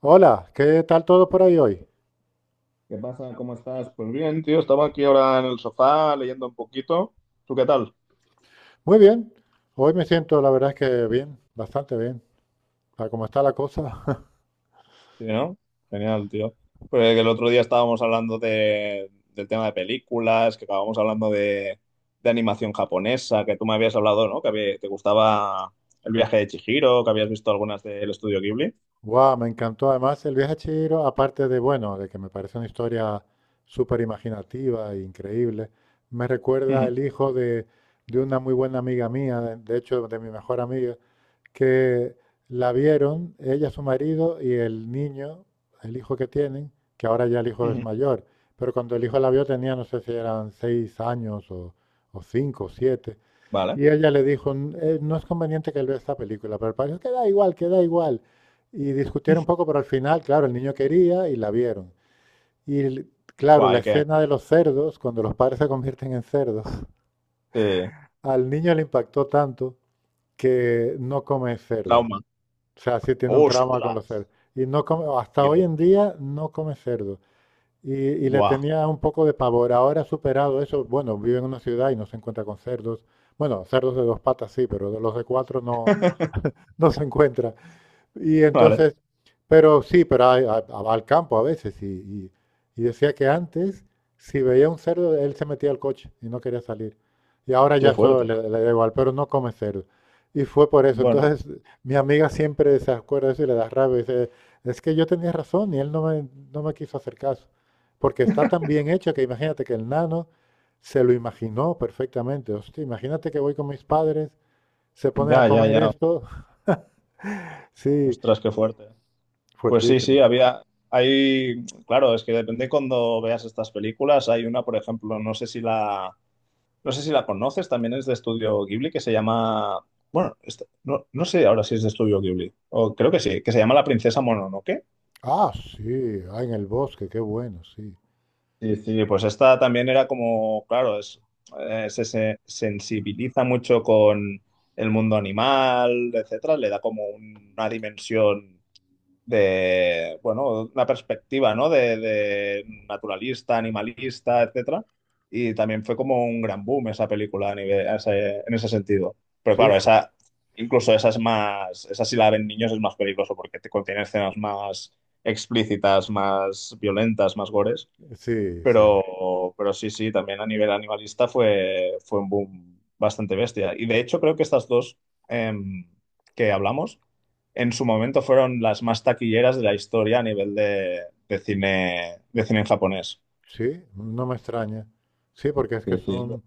Hola, ¿qué tal todo por ahí hoy? ¿Qué pasa? ¿Cómo estás? Pues bien, tío, estaba aquí ahora en el sofá leyendo un poquito. ¿Tú qué tal? Muy bien, hoy me siento la verdad es que bien, bastante bien, para cómo está la cosa. Sí, ¿no? Genial, tío. Porque el otro día estábamos hablando del tema de películas, que acabamos hablando de animación japonesa, que tú me habías hablado, ¿no? Te gustaba El viaje de Chihiro, que habías visto algunas del estudio Ghibli. Guau, me encantó además el viaje a Chihiro, aparte de, bueno, de que me parece una historia súper imaginativa e increíble, me recuerda Ujú, el hijo de una muy buena amiga mía, de hecho de mi mejor amiga, que la vieron, ella, su marido y el niño, el hijo que tienen, que ahora ya el hijo es ujú. mayor, pero cuando el hijo la vio tenía, no sé si eran seis años o cinco o siete, Vale. y ella le dijo, no es conveniente que él vea esta película, pero el padre dijo, que da igual, que da igual. Y discutieron un poco, pero al final, claro, el niño quería y la vieron. Y claro, Buah, la ¿y qué? escena de los cerdos, cuando los padres se convierten en cerdos, Sí. al niño le impactó tanto que no come cerdo. Trauma. O sea, sí tiene un trauma con los ¡Ostras! cerdos. Y no come- hasta hoy en Dios. día no come cerdo. Y le Buah. tenía un poco de pavor. Ahora ha superado eso. Bueno, vive en una ciudad y no se encuentra con cerdos. Bueno, cerdos de dos patas sí, pero de los de cuatro no, no se encuentra. Y Vale. entonces, pero sí, pero va al campo a veces. Y decía que antes, si veía un cerdo, él se metía al coche y no quería salir. Y ahora Qué ya eso fuerte. le, le da igual, pero no come cerdo. Y fue por eso. Bueno, Entonces, mi amiga siempre se acuerda de eso y le da rabia. Dice, es que yo tenía razón y él no me, no me quiso hacer caso. Porque está tan bien hecho que imagínate que el nano se lo imaginó perfectamente. Hostia, imagínate que voy con mis padres, se ponen a ya, ya, comer ya. esto. Sí, Ostras, qué fuerte. Pues sí, sí, fuertísimo. había, Hay, claro, es que depende cuando veas estas películas. Hay una, por ejemplo, no sé si la conoces, también es de Estudio Ghibli, que se llama, bueno, esta- no, no sé ahora si es de Estudio Ghibli, o creo que sí, que se llama La Princesa Mononoke. Ah, sí, ah, en el bosque, qué bueno, sí. Sí, sí, pues esta también era como, claro, se sensibiliza mucho con el mundo animal, etcétera, le da como una dimensión bueno, una perspectiva, ¿no? De naturalista, animalista, etcétera. Y también fue como un gran boom esa película a nivel, a ese- en ese sentido. Pero Sí, claro, fue. esa, Incluso esa es más, esa si la ven niños es más peligroso porque te contiene escenas más explícitas, más violentas, más gores. Sí, sí. Pero sí, sí, también a nivel animalista fue un boom bastante bestia. Y de hecho creo que estas dos em, que hablamos en su momento fueron las más taquilleras de la historia de cine en japonés. Sí, no me extraña. Sí, porque es que Sí, sí. son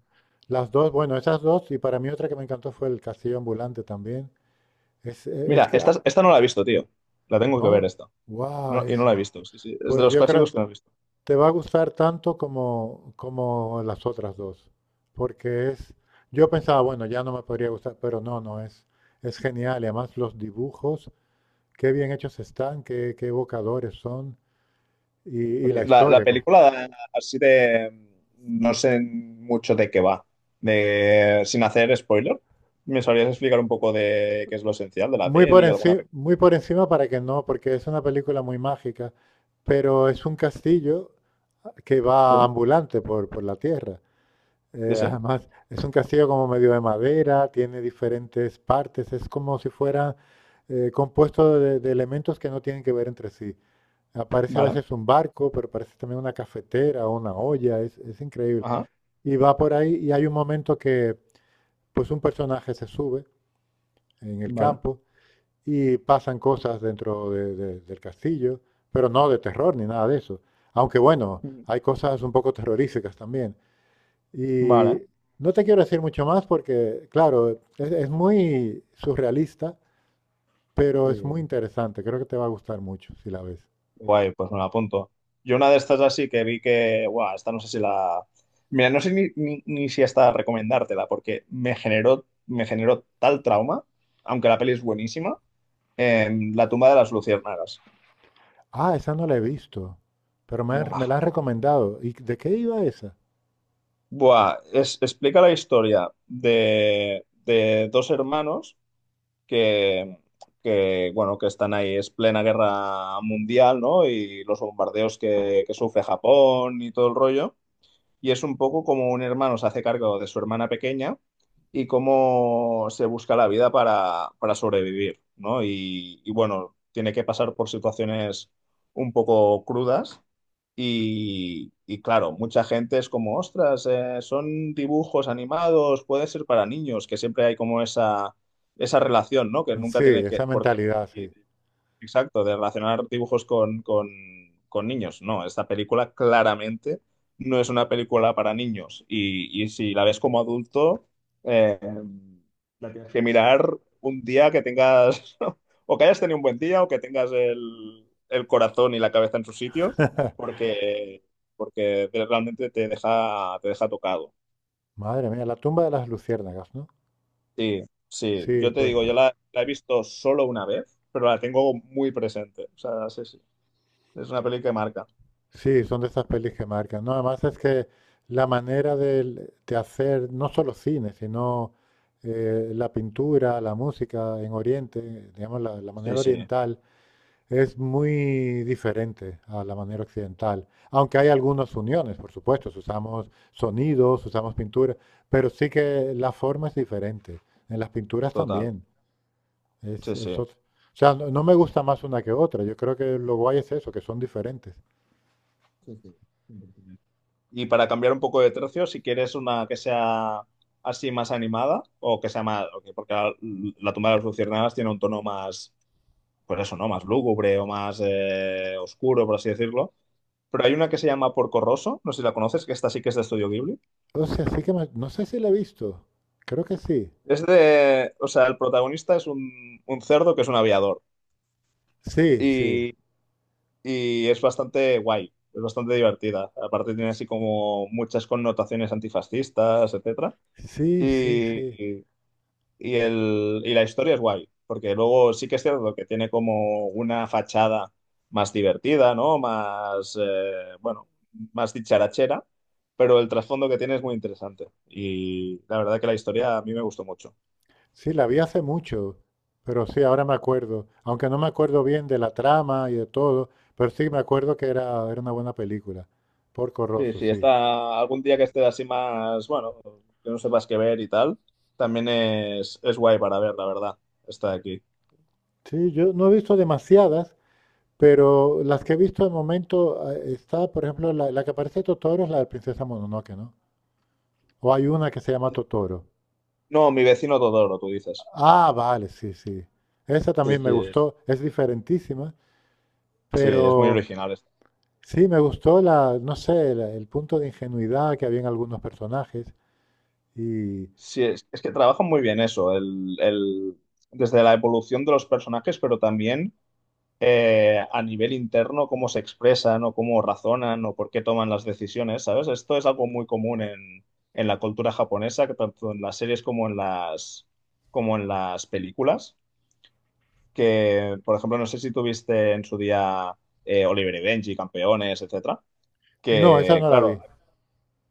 las dos, bueno, esas dos, y para mí otra que me encantó fue el Castillo Ambulante también. Es Mira, que, esta, ah, esta no la he visto, tío. La tengo que ver no, esta. wow, No, y no es, la he visto, sí, sí. Es de pues los yo creo, clásicos que no he visto. te va a gustar tanto como, como las otras dos, porque es, yo pensaba, bueno, ya no me podría gustar, pero no, no, es genial, y además los dibujos, qué bien hechos están, qué, qué evocadores son. y, y Porque la la historia. película así de... No sé mucho de qué va. De, sin hacer spoiler, ¿me sabrías explicar un poco de qué es lo esencial de la Muy por, peli? ¿Alguna pe- muy por encima para que no, porque es una película muy mágica, pero es un castillo que Sí, va ambulante por la tierra. sí, sí. Además, es un castillo como medio de madera, tiene diferentes partes, es como si fuera compuesto de elementos que no tienen que ver entre sí. Aparece a Vale. veces un barco, pero aparece también una cafetera o una olla, es increíble. Ajá. Y va por ahí y hay un momento que pues un personaje se sube en el Vale. campo y pasan cosas del castillo, pero no de terror ni nada de eso. Aunque bueno, hay cosas un poco terroríficas también. Y Vale. no te quiero decir mucho más porque, claro, es muy surrealista, pero es muy Sí. interesante. Creo que te va a gustar mucho si la ves. Guay, pues me la apunto. Yo una de estas así que vi que, guau, esta no sé si la... Mira, no sé ni si hasta recomendártela, porque me generó tal trauma, aunque la peli es buenísima, en La tumba de las luciérnagas. Ah, esa no la he visto, pero Buah. Me la han recomendado. ¿Y de qué iba esa? Explica la historia de dos hermanos que, que están ahí, es plena guerra mundial, ¿no? Y los bombardeos que sufre Japón y todo el rollo. Y es un poco como un hermano se hace cargo de su hermana pequeña y cómo se busca la vida para sobrevivir, ¿no? Y bueno, tiene que pasar por situaciones un poco crudas y claro, mucha gente es como, ostras, son dibujos animados, puede ser para niños, que siempre hay como esa relación, ¿no? Que nunca Sí, tiene que, esa por qué mentalidad, sí. existir. Exacto, de relacionar dibujos con niños. No, esta película claramente no es una película para niños. Y si la ves como adulto, eh, tienes que mirar un día que tengas, o que hayas tenido un buen día, o que tengas el corazón y la cabeza en su sitio, porque, porque realmente te deja tocado. Madre mía, la tumba de las luciérnagas, ¿no? Sí, sí, Sí, yo te pues digo, yo la he visto solo una vez, pero la tengo muy presente. O sea, sí, sí, es una peli que marca. sí, son de esas pelis que marcan. No, además es que la de, hacer no solo cine, sino la pintura, la música en Oriente, digamos, la Sí, manera sí, oriental es muy diferente a la manera occidental. Aunque hay algunas uniones, por supuesto, si usamos sonidos, si usamos pintura, pero sí que la forma es diferente. En las pinturas total. también. Sí, sí. O sea, no, no me gusta más una que otra. Yo creo que lo guay es eso, que son diferentes. Sí, sí, 100%. Y para cambiar un poco de tercio, si quieres una que sea así más animada o que sea más, ok, porque la tumba de las luciérnagas tiene un tono más, pues eso, ¿no? Más lúgubre o más oscuro, por así decirlo. Pero hay una que se llama Porco Rosso, no sé si la conoces, que esta sí que es de Estudio Ghibli. O sea, no sé si la he visto. Creo que sí. Es de, o sea, el protagonista es un cerdo que es un aviador. Sí, sí. Y es bastante guay, es bastante divertida. Aparte tiene así como muchas connotaciones antifascistas, etcétera. Sí, sí, Y, sí. y, y la historia es guay, porque luego sí que es cierto que tiene como una fachada más divertida, ¿no? Más, bueno, más dicharachera, pero el trasfondo que tiene es muy interesante. Y la verdad que la historia a mí me gustó mucho. Sí, la vi hace mucho, pero sí, ahora me acuerdo. Aunque no me acuerdo bien de la trama y de todo, pero sí me acuerdo que era, era una buena película. Porco Sí, Rosso, sí, sí. está algún día que estés así más, bueno, que no sepas qué ver y tal, también es guay para ver, la verdad. Está aquí. Sí, yo no he visto demasiadas, pero las que he visto de momento está, por ejemplo, la que aparece Totoro es la de Princesa Mononoke, ¿no? O hay una que se llama Totoro. No, mi vecino Todoro, tú dices. Ah, vale, sí, sí. Esa Sí, también me sí, gustó, es diferentísima. sí, es muy Pero original. Esto. sí, me gustó la, no sé, el punto de ingenuidad que había en algunos personajes. Y Sí, es que trabajan muy bien eso, desde la evolución de los personajes, pero también a nivel interno cómo se expresan o cómo razonan o por qué toman las decisiones, ¿sabes? Esto es algo muy común en la cultura japonesa, que tanto en las series como en las películas, que, por ejemplo, no sé si tuviste en su día Oliver y Benji, Campeones, etcétera, no, esa que, no la vi. claro,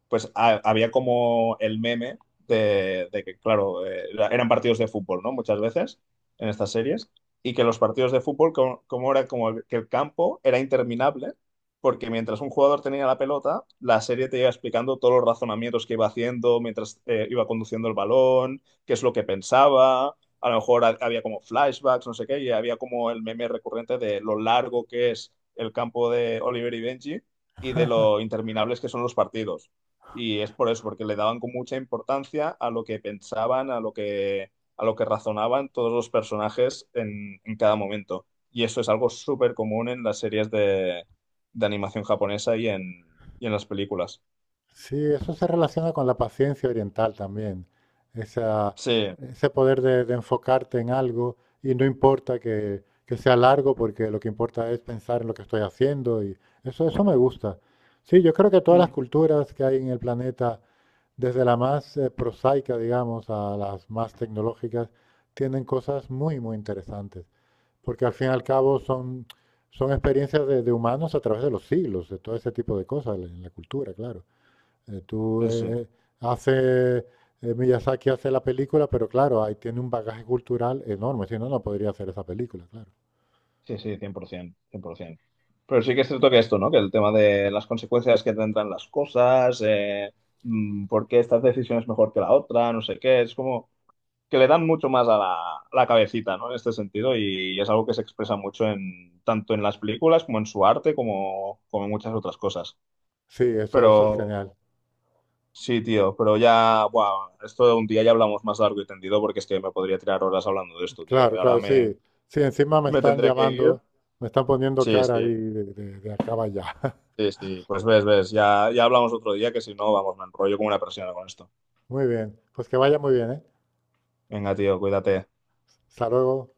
había como el meme de que eran partidos de fútbol, ¿no? Muchas veces en estas series, y que los partidos de fútbol, como era como que el campo era interminable, porque mientras un jugador tenía la pelota, la serie te iba explicando todos los razonamientos que iba haciendo mientras iba conduciendo el balón, qué es lo que pensaba. A lo mejor había como flashbacks, no sé qué, y había como el meme recurrente de lo largo que es el campo de Oliver y Benji y de lo interminables que son los partidos. Y es por eso, porque le daban con mucha importancia a lo que pensaban, a lo que razonaban todos los personajes en cada momento. Y eso es algo súper común en las series de animación japonesa y en las películas. Sí, eso se relaciona con la paciencia oriental también. Esa, Sí, ese poder de enfocarte en algo y no importa que sea largo porque lo que importa es pensar en lo que estoy haciendo y eso me gusta. Sí, yo creo que todas las sí, culturas que hay en el planeta desde la más prosaica, digamos, a las más tecnológicas, tienen cosas muy, muy interesantes, porque al fin y al cabo son, son experiencias de humanos a través de los siglos, de todo ese tipo de cosas en la cultura, claro. Eh, tú sí, eh, eh, hace, Miyazaki hace la película, pero claro, ahí tiene un bagaje cultural enorme, si no, no podría hacer esa película, claro. sí, sí, cien por 100%. Pero sí que es cierto que esto, ¿no? Que el tema de las consecuencias que tendrán las cosas, por qué esta decisión es mejor que la otra, no sé qué, es como que le dan mucho más a a la cabecita, ¿no? En este sentido, y es algo que se expresa mucho en, tanto en las películas como en su arte, como, como en muchas otras cosas. Sí, eso es genial. Pero sí, tío, pero ya, bueno, esto de un día ya hablamos más largo y tendido porque es que me podría tirar horas hablando de esto, tío. Y Claro, ahora claro, me, sí. Sí, encima me me están tendré que ir. llamando, me están poniendo Sí, cara ahí sí, de acá para allá. sí, sí. Pues ves, ves, ya, ya hablamos otro día que si no, vamos, me enrollo como una persona con esto. Muy bien, pues que vaya muy bien, ¿eh? Venga, tío, cuídate. Hasta luego.